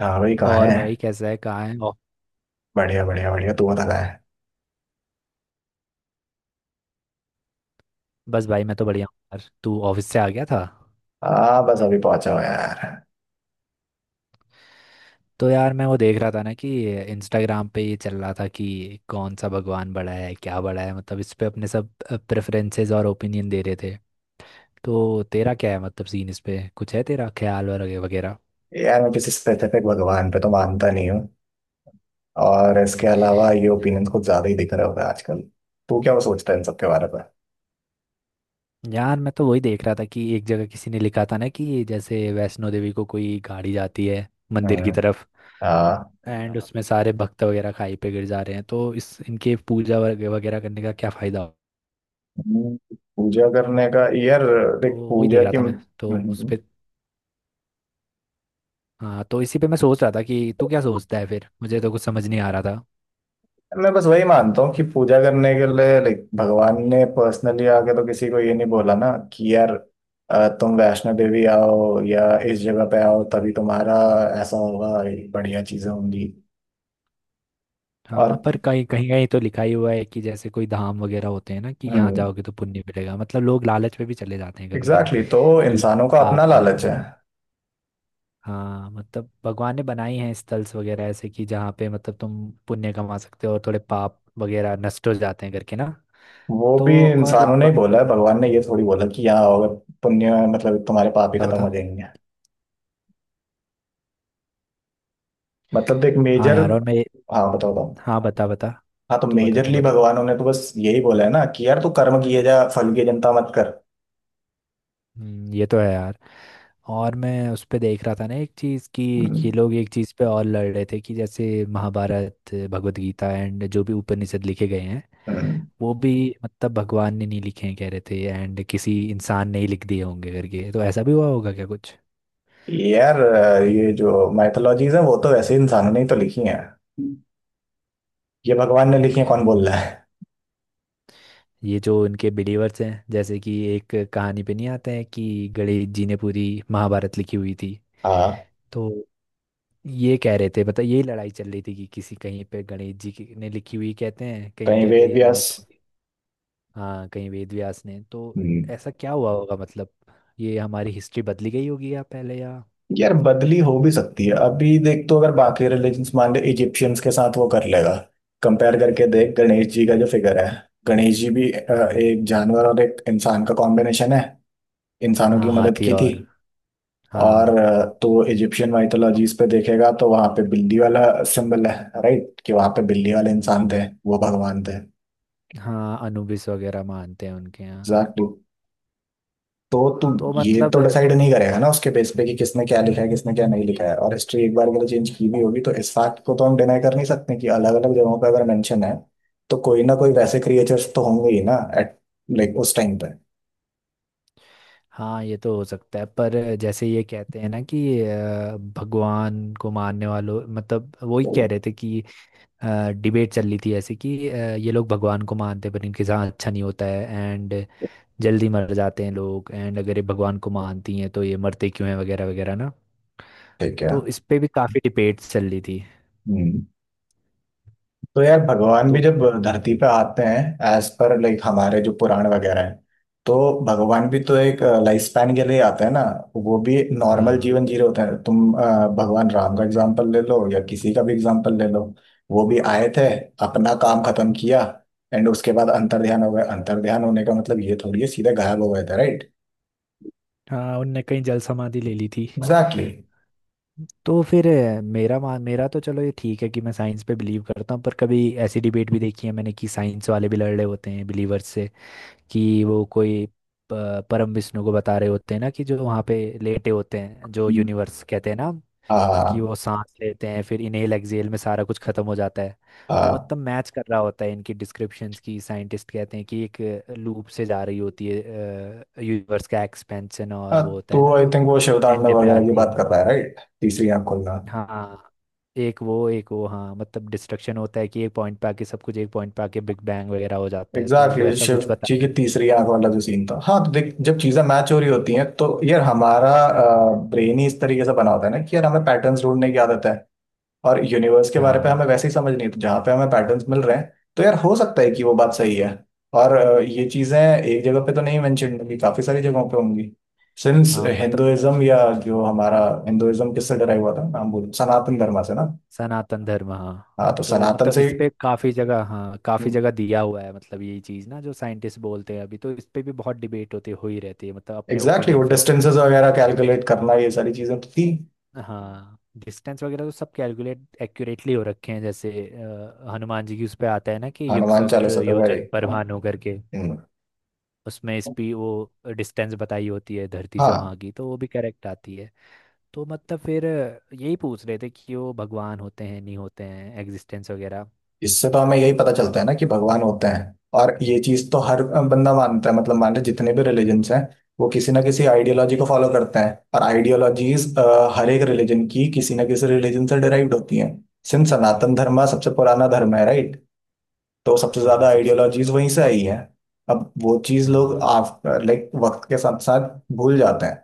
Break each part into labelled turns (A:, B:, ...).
A: हाँ भाई, कहाँ है।
B: और भाई कैसा है, कहाँ है ओ?
A: बढ़िया बढ़िया बढ़िया, तू बता कहाँ है।
B: बस भाई, मैं तो बढ़िया हूँ यार। तू ऑफिस से आ गया था?
A: हाँ बस अभी पहुंचा हूँ यार।
B: तो यार मैं वो देख रहा था ना कि इंस्टाग्राम पे ये चल रहा था कि कौन सा भगवान बड़ा है, क्या बड़ा है, मतलब इस पे अपने सब प्रेफरेंसेस और ओपिनियन दे रहे थे। तो तेरा क्या है, मतलब सीन इस पे कुछ है तेरा ख्याल वगैरह वगैरह?
A: यार, मैं किसी स्पेसिफिक भगवान पे तो मानता नहीं हूँ। और इसके अलावा ये ओपिनियन कुछ ज्यादा ही दिख रहे होगा आजकल। तू क्या सोचता है इन सब के बारे में।
B: यार मैं तो वही देख रहा था कि एक जगह किसी ने लिखा था ना कि जैसे वैष्णो देवी को कोई गाड़ी जाती है मंदिर की
A: हम्म।
B: तरफ।
A: हाँ।
B: एंड हाँ उसमें सारे भक्त वगैरह खाई पे गिर जा रहे हैं, तो इस इनके पूजा वगैरह करने का क्या फायदा?
A: हम्म। पूजा करने का यार,
B: तो
A: देख
B: वही
A: पूजा
B: देख रहा
A: की।
B: था मैं
A: हम्म।
B: तो
A: हम्म।
B: उस
A: हम्म।
B: पे। हाँ तो इसी पे मैं सोच रहा था कि तू क्या सोचता है, फिर मुझे तो कुछ समझ नहीं आ रहा था।
A: मैं बस वही मानता हूँ कि पूजा करने के लिए लाइक भगवान ने पर्सनली आके तो किसी को ये नहीं बोला ना कि यार तुम वैष्णो देवी आओ या इस जगह पे आओ तभी तुम्हारा ऐसा होगा, ये बढ़िया चीजें होंगी। और।
B: हाँ पर कहीं कहीं कहीं तो लिखा ही हुआ है कि जैसे कोई धाम वगैरह होते हैं ना कि यहाँ
A: हम्म।
B: जाओगे तो पुण्य मिलेगा, मतलब लोग लालच में भी चले जाते हैं कभी कभी।
A: एग्जैक्टली, तो
B: कि
A: इंसानों का अपना
B: पाप करा।
A: लालच है।
B: हाँ मतलब भगवान ने बनाई हैं स्थल्स वगैरह ऐसे कि जहाँ पे मतलब तुम पुण्य कमा सकते हो और थोड़े पाप वगैरह नष्ट हो जाते हैं करके ना।
A: वो
B: तो
A: भी
B: और
A: इंसानों ने ही
B: बता
A: बोला है, भगवान ने ये थोड़ी बोला कि यहाँ आओगे पुण्य, मतलब तुम्हारे पाप ही खत्म
B: बता।
A: हो जाएंगे। मतलब देख
B: हाँ
A: मेजर।
B: यार और मैं।
A: हाँ बताओ बताओ।
B: हाँ बता बता।
A: हाँ, तो
B: तू बता तू
A: मेजरली
B: बता।
A: भगवानों ने तो बस यही बोला है ना कि यार तू कर्म किए जा, फल की चिंता मत कर।
B: ये तो है यार। और मैं उस पे देख रहा था ना एक चीज़ कि ये
A: हम्म।
B: लोग एक चीज़ पे और लड़ रहे थे कि जैसे महाभारत, भगवत गीता एंड जो भी उपनिषद लिखे गए हैं
A: हम्म।
B: वो भी मतलब भगवान ने नहीं लिखे हैं कह रहे थे, एंड किसी इंसान ने ही लिख दिए होंगे करके, तो ऐसा भी हुआ होगा क्या कुछ।
A: यार, ये जो माइथोलॉजीज है वो तो वैसे इंसानों ने ही तो लिखी है। हम्म। ये भगवान ने लिखी है कौन बोल रहा है।
B: ये जो इनके बिलीवर्स हैं जैसे कि एक कहानी पे नहीं आता है कि गणेश जी ने पूरी महाभारत लिखी हुई थी,
A: हाँ,
B: तो ये कह रहे थे मतलब यही लड़ाई चल रही थी कि किसी कहीं पे गणेश जी की ने लिखी हुई कहते हैं, कहीं
A: कहीं
B: कहते
A: वेद
B: हैं इनने।
A: व्यास।
B: हाँ कहीं वेद व्यास ने तो
A: हम्म।
B: ऐसा क्या हुआ होगा मतलब ये हमारी हिस्ट्री बदली गई होगी या पहले या।
A: यार, बदली हो भी सकती है, अभी देख तो अगर बाकी रिलीजन्स मान ले, इजिप्शियंस के साथ वो कर लेगा। कंपेयर करके देख गणेश जी का जो फिगर है, गणेश जी भी एक जानवर और एक इंसान का कॉम्बिनेशन है। इंसानों की
B: हाँ
A: मदद
B: हाथी
A: की थी।
B: और।
A: और
B: हाँ।
A: तो इजिप्शियन माइथोलॉजीज पे देखेगा तो वहां पे बिल्ली वाला सिंबल है। राइट, कि वहां पे बिल्ली वाले इंसान थे, वो भगवान थे।
B: हाँ अनुबिस वगैरह मानते हैं उनके यहाँ।
A: एग्जैक्टली। तो तू
B: तो
A: ये
B: मतलब।
A: तो डिसाइड नहीं करेगा ना उसके बेस पे कि किसने क्या लिखा है किसने क्या नहीं लिखा है, और हिस्ट्री एक बार के लिए चेंज की भी होगी तो इस फैक्ट को तो हम डिनाई कर नहीं सकते कि अलग अलग जगहों पे अगर मेंशन है तो कोई ना कोई वैसे क्रिएचर्स तो होंगे ही ना, एट लाइक उस टाइम पे।
B: हाँ ये तो हो सकता है पर जैसे ये कहते हैं ना कि भगवान को मानने वालों मतलब वही कह रहे थे कि डिबेट चल रही थी ऐसे कि ये लोग भगवान को मानते हैं, पर इनके साथ अच्छा नहीं होता है एंड जल्दी मर जाते हैं लोग, एंड अगर ये भगवान को मानती हैं तो ये मरते क्यों हैं वगैरह वगैरह ना।
A: ठीक है।
B: तो इस पे भी काफ़ी डिबेट चल रही थी।
A: हम्म। तो यार भगवान भी
B: तो।
A: जब धरती पे आते हैं एज पर लाइक हमारे जो पुराण वगैरह हैं, तो भगवान भी तो एक लाइफ स्पैन के लिए आते हैं ना। वो भी नॉर्मल
B: हाँ।
A: जीवन जी रहे होते हैं, तुम भगवान राम का एग्जांपल ले लो या किसी का भी एग्जांपल ले लो। वो भी आए थे, अपना काम खत्म किया, एंड उसके बाद अंतर ध्यान हो गए। अंतर ध्यान होने का मतलब ये थोड़ी है सीधे गायब हो गए थे, राइट।
B: हाँ उनने कहीं जल समाधि ले ली थी।
A: एग्जैक्टली।
B: तो फिर मेरा तो चलो ये ठीक है कि मैं साइंस पे बिलीव करता हूँ, पर कभी ऐसी डिबेट भी देखी है मैंने कि साइंस वाले भी लड़ रहे होते हैं बिलीवर्स से कि वो कोई परम विष्णु को बता रहे होते हैं ना कि जो वहाँ पे लेटे होते हैं जो यूनिवर्स कहते हैं ना कि
A: हाँ।
B: वो सांस लेते हैं, फिर इनहेल एक्सहेल में सारा कुछ खत्म हो जाता है। तो
A: हाँ।
B: मतलब मैच कर रहा होता है इनकी डिस्क्रिप्शंस की, साइंटिस्ट कहते हैं कि एक लूप से जा रही होती है यूनिवर्स का एक्सपेंशन, और
A: हाँ,
B: वो होता है
A: तो
B: ना
A: आई
B: जो
A: थिंक वो
B: एंड
A: शिवतांडव
B: पे
A: वगैरह की
B: आती
A: बात
B: है।
A: कर रहा है, राइट, तीसरी आंख खोलना।
B: हाँ। एक वो हाँ मतलब डिस्ट्रक्शन होता है कि एक पॉइंट पे आके सब कुछ, एक पॉइंट पे आके बिग बैंग वगैरह हो जाता है, तो
A: एग्जैक्टली,
B: वैसा
A: शिव
B: कुछ बता
A: जी की
B: देते हैं।
A: तीसरी आंख वाला जो सीन था। हाँ, तो देख जब चीजें मैच हो रही होती हैं तो यार हमारा ब्रेन ही इस तरीके से बना होता है ना कि यार हमें पैटर्न्स ढूंढने की आदत है। और यूनिवर्स के बारे पे
B: हाँ।
A: हमें वैसे ही समझ नहीं है। तो जहाँ पे हमें पैटर्न्स मिल रहे हैं तो यार हो सकता है कि वो बात सही है। और ये चीजें एक जगह पे तो नहीं मेंशन होंगी, काफी सारी जगहों पे होंगी। सिंस
B: हाँ मतलब
A: हिंदुइज्म, या जो हमारा हिंदुइज्म किससे डराई हुआ था, नाम बोल, सनातन धर्म से ना।
B: सनातन धर्म हाँ।
A: हाँ, तो
B: तो
A: सनातन
B: मतलब
A: से।
B: इस पे काफी जगह, हाँ, काफी जगह दिया हुआ है, मतलब यही चीज ना जो साइंटिस्ट बोलते हैं अभी, तो इस पे भी बहुत डिबेट होते हो ही रहती है, मतलब अपने
A: एग्जैक्टली, वो
B: ओपिनियन फेंकते हैं।
A: डिस्टेंसेस वगैरह कैलकुलेट करना ये सारी चीजें तो थी।
B: हाँ डिस्टेंस वगैरह तो सब कैलकुलेट एक्यूरेटली हो रखे हैं, जैसे हनुमान जी की उस पे आता है ना
A: हाँ,
B: कि युग
A: हनुमान चालीसा
B: सहस्त्र
A: पे वही।
B: योजन पर भानु करके,
A: हम्म।
B: उसमें इस भी वो डिस्टेंस बताई होती है धरती से
A: हाँ।
B: वहाँ की, तो वो भी करेक्ट आती है। तो मतलब फिर यही पूछ रहे थे कि वो भगवान होते हैं नहीं होते हैं, एग्जिस्टेंस वगैरह।
A: इससे तो हमें यही पता चलता है ना कि भगवान होते हैं। और ये चीज तो हर बंदा मानता है, मतलब मान लो जितने भी रिलीजन्स हैं वो किसी ना किसी आइडियोलॉजी को फॉलो करते हैं। और आइडियोलॉजीज हर एक रिलीजन की किसी ना किसी रिलीजन से डिराइव्ड होती हैं। सिंस सनातन धर्म सबसे पुराना धर्म है, राइट। तो सबसे
B: हाँ
A: ज्यादा
B: सबसे।
A: आइडियोलॉजीज वहीं से आई है। अब वो चीज लोग
B: हाँ
A: लाइक वक्त के साथ साथ भूल जाते हैं।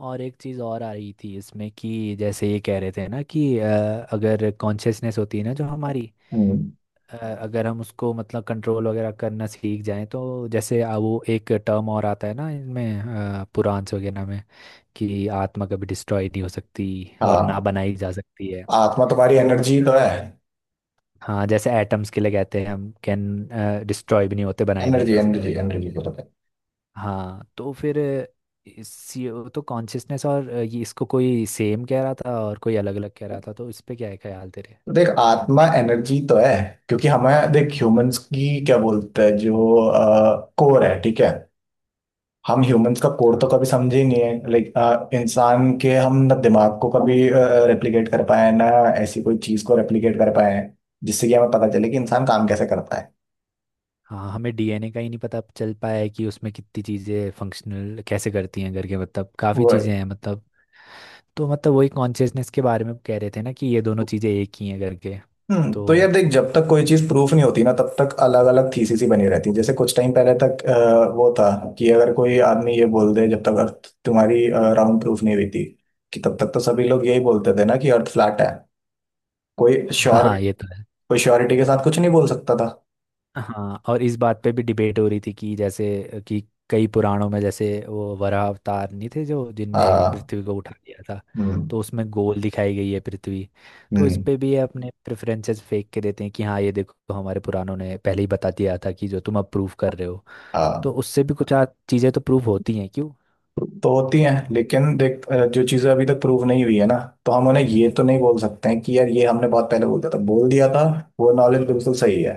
B: और एक चीज़ और आ रही थी इसमें कि जैसे ये कह रहे थे ना कि अगर कॉन्शियसनेस होती है ना जो हमारी,
A: हम्म।
B: अगर हम उसको मतलब कंट्रोल वगैरह करना सीख जाएं तो जैसे वो एक टर्म और आता है ना इनमें, पुराण्स वगैरह में कि आत्मा कभी डिस्ट्रॉय नहीं हो सकती और ना
A: हाँ।
B: बनाई जा सकती है।
A: आत्मा तुम्हारी
B: तो
A: एनर्जी
B: मतलब।
A: तो है।
B: हाँ जैसे एटम्स के लिए कहते हैं हम कैन डिस्ट्रॉय भी नहीं होते, बनाए भी नहीं
A: एनर्जी
B: जा
A: एनर्जी
B: सकते।
A: एनर्जी को बताए।
B: हाँ तो फिर इसी तो कॉन्शियसनेस और ये इसको कोई सेम कह रहा था और कोई अलग अलग कह रहा था, तो इस पे क्या है ख्याल तेरे?
A: तो देख आत्मा एनर्जी तो है, क्योंकि हमें देख ह्यूमंस की क्या बोलते हैं जो कोर है, ठीक है। हम ह्यूमंस का कोर
B: हाँ।
A: तो कभी समझे ही नहीं है, लाइक इंसान के हम ना दिमाग को कभी रेप्लिकेट कर पाए ना। ऐसी कोई चीज को रेप्लिकेट कर पाए हैं, जिससे कि हमें पता चले कि इंसान काम कैसे करता है।
B: हाँ हमें डीएनए का ही नहीं पता चल पाया है कि उसमें कितनी चीज़ें फंक्शनल कैसे करती हैं करके, मतलब काफ़ी
A: वो।
B: चीज़ें हैं मतलब। तो मतलब वही कॉन्शियसनेस के बारे में कह रहे थे ना कि ये दोनों चीज़ें एक ही हैं करके।
A: हम्म।
B: तो।
A: तो यार देख जब तक कोई चीज प्रूफ नहीं होती ना, तब तक अलग अलग थीसिस ही बनी रहती है, जैसे कुछ टाइम पहले तक वो था कि अगर कोई आदमी ये बोल दे, जब तक अर्थ तुम्हारी राउंड प्रूफ नहीं हुई थी, कि तब तक तो सभी लोग यही बोलते थे ना कि अर्थ फ्लैट है। कोई श्योर।
B: हाँ ये तो है।
A: कोई श्योरिटी के साथ कुछ नहीं बोल सकता था।
B: हाँ और इस बात पे भी डिबेट हो रही थी कि जैसे कि कई पुराणों में जैसे वो वराह अवतार नहीं थे जो जिनने
A: हाँ।
B: पृथ्वी को उठा लिया था,
A: हम्म।
B: तो उसमें गोल दिखाई गई है पृथ्वी, तो इस
A: हम्म।
B: पे भी ये अपने प्रेफरेंसेस फेंक के देते हैं कि हाँ ये देखो हमारे पुराणों ने पहले ही बता दिया था कि जो तुम अब प्रूफ कर रहे हो, तो
A: हाँ,
B: उससे भी कुछ चीज़ें तो प्रूफ होती हैं क्यों।
A: तो होती है, लेकिन देख जो चीजें अभी तक प्रूव नहीं हुई है ना, तो हम उन्हें ये तो नहीं बोल सकते हैं कि यार ये हमने बहुत पहले बोल दिया था, वो नॉलेज बिल्कुल सही है।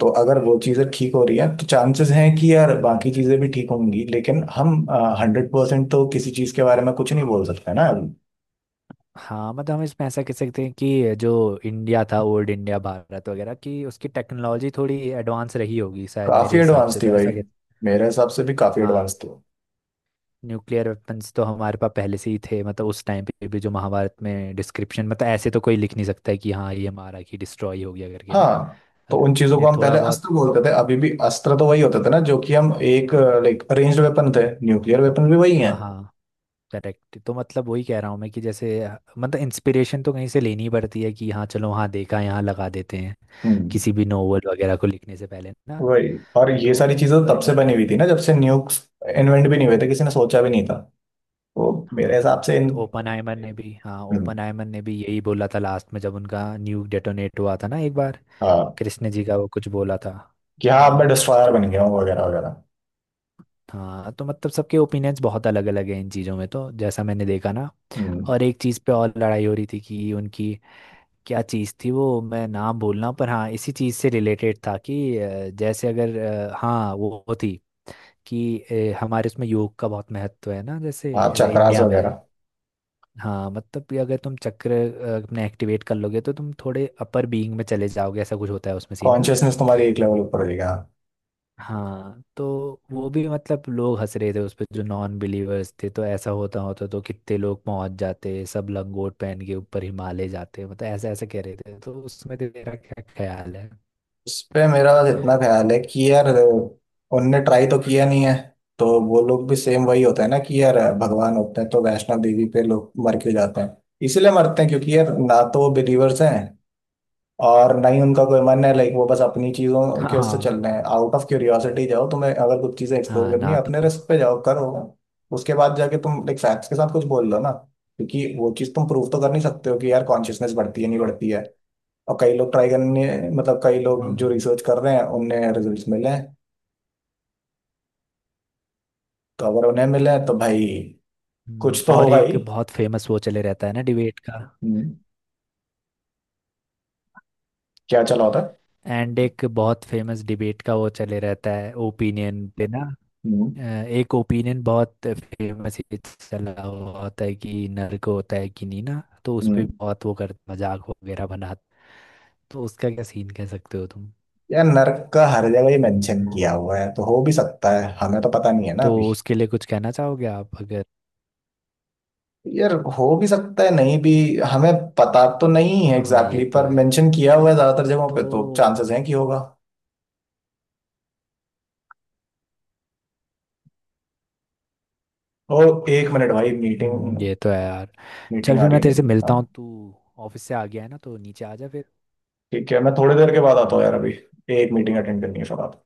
A: तो अगर वो चीज़ें ठीक हो रही हैं तो चांसेस हैं कि यार बाकी चीज़ें भी ठीक होंगी, लेकिन हम 100% तो किसी चीज़ के बारे में कुछ नहीं बोल सकते ना।
B: हाँ मतलब हम इसमें ऐसा कह सकते हैं कि जो इंडिया था, ओल्ड इंडिया भारत वगैरह, की उसकी टेक्नोलॉजी थोड़ी एडवांस रही होगी शायद, मेरे
A: काफ़ी
B: हिसाब
A: एडवांस
B: से
A: थी
B: तो
A: भाई।
B: ऐसा कह।
A: मेरे हिसाब से भी काफ़ी एडवांस
B: हाँ
A: थी।
B: न्यूक्लियर वेपन्स तो हमारे पास पहले से ही थे, मतलब उस टाइम पे भी जो महाभारत में डिस्क्रिप्शन, मतलब ऐसे तो कोई लिख नहीं सकता है कि हाँ ये हमारा की डिस्ट्रॉय हो गया करके ना,
A: हाँ, तो
B: अगर
A: उन
B: किसी
A: चीज़ों को
B: ने
A: हम
B: थोड़ा
A: पहले
B: बहुत।
A: अस्त्र बोलते थे, अभी भी अस्त्र तो वही होते थे ना जो कि हम एक लाइक अरेंज्ड वेपन थे, न्यूक्लियर वेपन भी वही हैं।
B: हाँ हाँ करेक्ट, तो मतलब वही कह रहा हूँ मैं कि जैसे मतलब इंस्पिरेशन तो कहीं से लेनी ही पड़ती है कि हाँ चलो हाँ देखा यहाँ लगा देते हैं,
A: हम्म,
B: किसी भी नोवेल वगैरह को लिखने से पहले ना।
A: वही। और ये
B: तो
A: सारी चीज़ें तो
B: अगर
A: तब से
B: लिख।
A: बनी हुई थी ना जब से न्यूक्स इन्वेंट भी नहीं हुए थे, किसी ने सोचा भी नहीं था। तो मेरे हिसाब
B: हाँ
A: से इन।
B: तो
A: हम्म।
B: ओपनहाइमर ने भी यही बोला था लास्ट में, जब उनका न्यूक डेटोनेट हुआ था ना एक बार,
A: हाँ
B: कृष्ण जी का वो कुछ बोला था।
A: कि हाँ अब
B: आ,
A: मैं डिस्ट्रॉयर
B: तो
A: बन गया हूँ वगैरह वगैरह।
B: हाँ तो मतलब सबके ओपिनियंस बहुत अलग अलग हैं इन चीज़ों में, तो जैसा मैंने देखा ना।
A: हम्म।
B: और एक चीज़ पे और लड़ाई हो रही थी कि उनकी क्या चीज़ थी, वो मैं नाम बोल रहा हूँ पर, हाँ इसी चीज़ से रिलेटेड था कि जैसे अगर, हाँ वो थी कि हमारे उसमें योग का बहुत महत्व है ना जैसे
A: आप चक्रास
B: इंडिया में।
A: वगैरह।
B: हाँ मतलब कि अगर तुम चक्र अपने एक्टिवेट कर लोगे तो तुम थोड़े अपर बीइंग में चले जाओगे, ऐसा कुछ होता है उसमें सीन ना।
A: कॉन्शियसनेस तुम्हारी एक लेवल ऊपर हो जाएगी, हाँ।
B: हाँ तो वो भी मतलब लोग हंस रहे थे उस पर जो नॉन बिलीवर्स थे, तो ऐसा होता होता तो कितने लोग पहुंच जाते, सब लंगोट पहन के ऊपर हिमालय जाते, मतलब ऐसा ऐसा कह रहे थे, तो उसमें तेरा क्या ख्याल है?
A: उस पे मेरा इतना ख्याल है कि यार उनने ट्राई तो किया नहीं है, तो वो लोग भी सेम, वही होता है ना कि यार भगवान होते हैं तो वैष्णव देवी पे लोग मर क्यों जाते हैं। इसीलिए मरते हैं क्योंकि यार ना तो वो बिलीवर्स हैं और नहीं उनका कोई मन है, लाइक वो बस अपनी चीजों के उससे चल
B: हाँ
A: रहे हैं। आउट ऑफ क्यूरियोसिटी जाओ, तुम्हें अगर कुछ चीजें एक्सप्लोर
B: हाँ
A: करनी
B: ना
A: है अपने
B: तो।
A: रिस्क पे जाओ करो। उसके बाद जाके तुम लाइक फैक्ट्स के साथ कुछ बोल दो ना। क्योंकि वो चीज तुम प्रूव तो कर नहीं सकते हो कि यार कॉन्शियसनेस बढ़ती है नहीं बढ़ती है। और कई लोग ट्राई करने, मतलब कई लोग जो
B: हम्म
A: रिसर्च कर रहे हैं उन्हें रिजल्ट्स मिले हैं। तो अगर उन्हें मिले हैं, तो भाई कुछ तो
B: और
A: होगा
B: एक
A: ही।
B: बहुत फेमस वो चले रहता है ना डिबेट का।
A: हम्म, क्या चला होता है।
B: एंड एक बहुत फेमस डिबेट का वो चले रहता है ओपिनियन पे ना,
A: हम्म।
B: अ, एक ओपिनियन बहुत फेमस चला हुआ होता है कि नर्क होता है कि नहीं ना, तो उस पे
A: हम्म।
B: बहुत वो कर मजाक वगैरह बना, तो उसका क्या सीन कह सकते हो तुम?
A: यार नर्क का हर जगह ही मेंशन किया हुआ है, तो हो भी सकता है, हमें तो पता नहीं है ना
B: तो
A: अभी।
B: उसके लिए कुछ कहना चाहोगे आप अगर।
A: यार हो भी सकता है नहीं भी। हमें पता तो नहीं है
B: हाँ
A: एग्जैक्टली।
B: ये
A: exactly,
B: तो
A: पर
B: है
A: मेंशन किया हुआ है ज्यादातर जगहों पे, तो
B: तो।
A: चांसेस हैं कि होगा। ओ, एक मिनट भाई, मीटिंग।
B: ये तो है यार।
A: मीटिंग
B: चल
A: आ
B: फिर
A: रही
B: मैं
A: है
B: तेरे
A: मेरी,
B: से मिलता
A: हाँ।
B: हूँ। तू ऑफिस से आ गया है ना तो नीचे आ जा फिर।
A: ठीक है, मैं थोड़ी देर के बाद आता हूँ यार, अभी एक मीटिंग अटेंड करनी है फिर।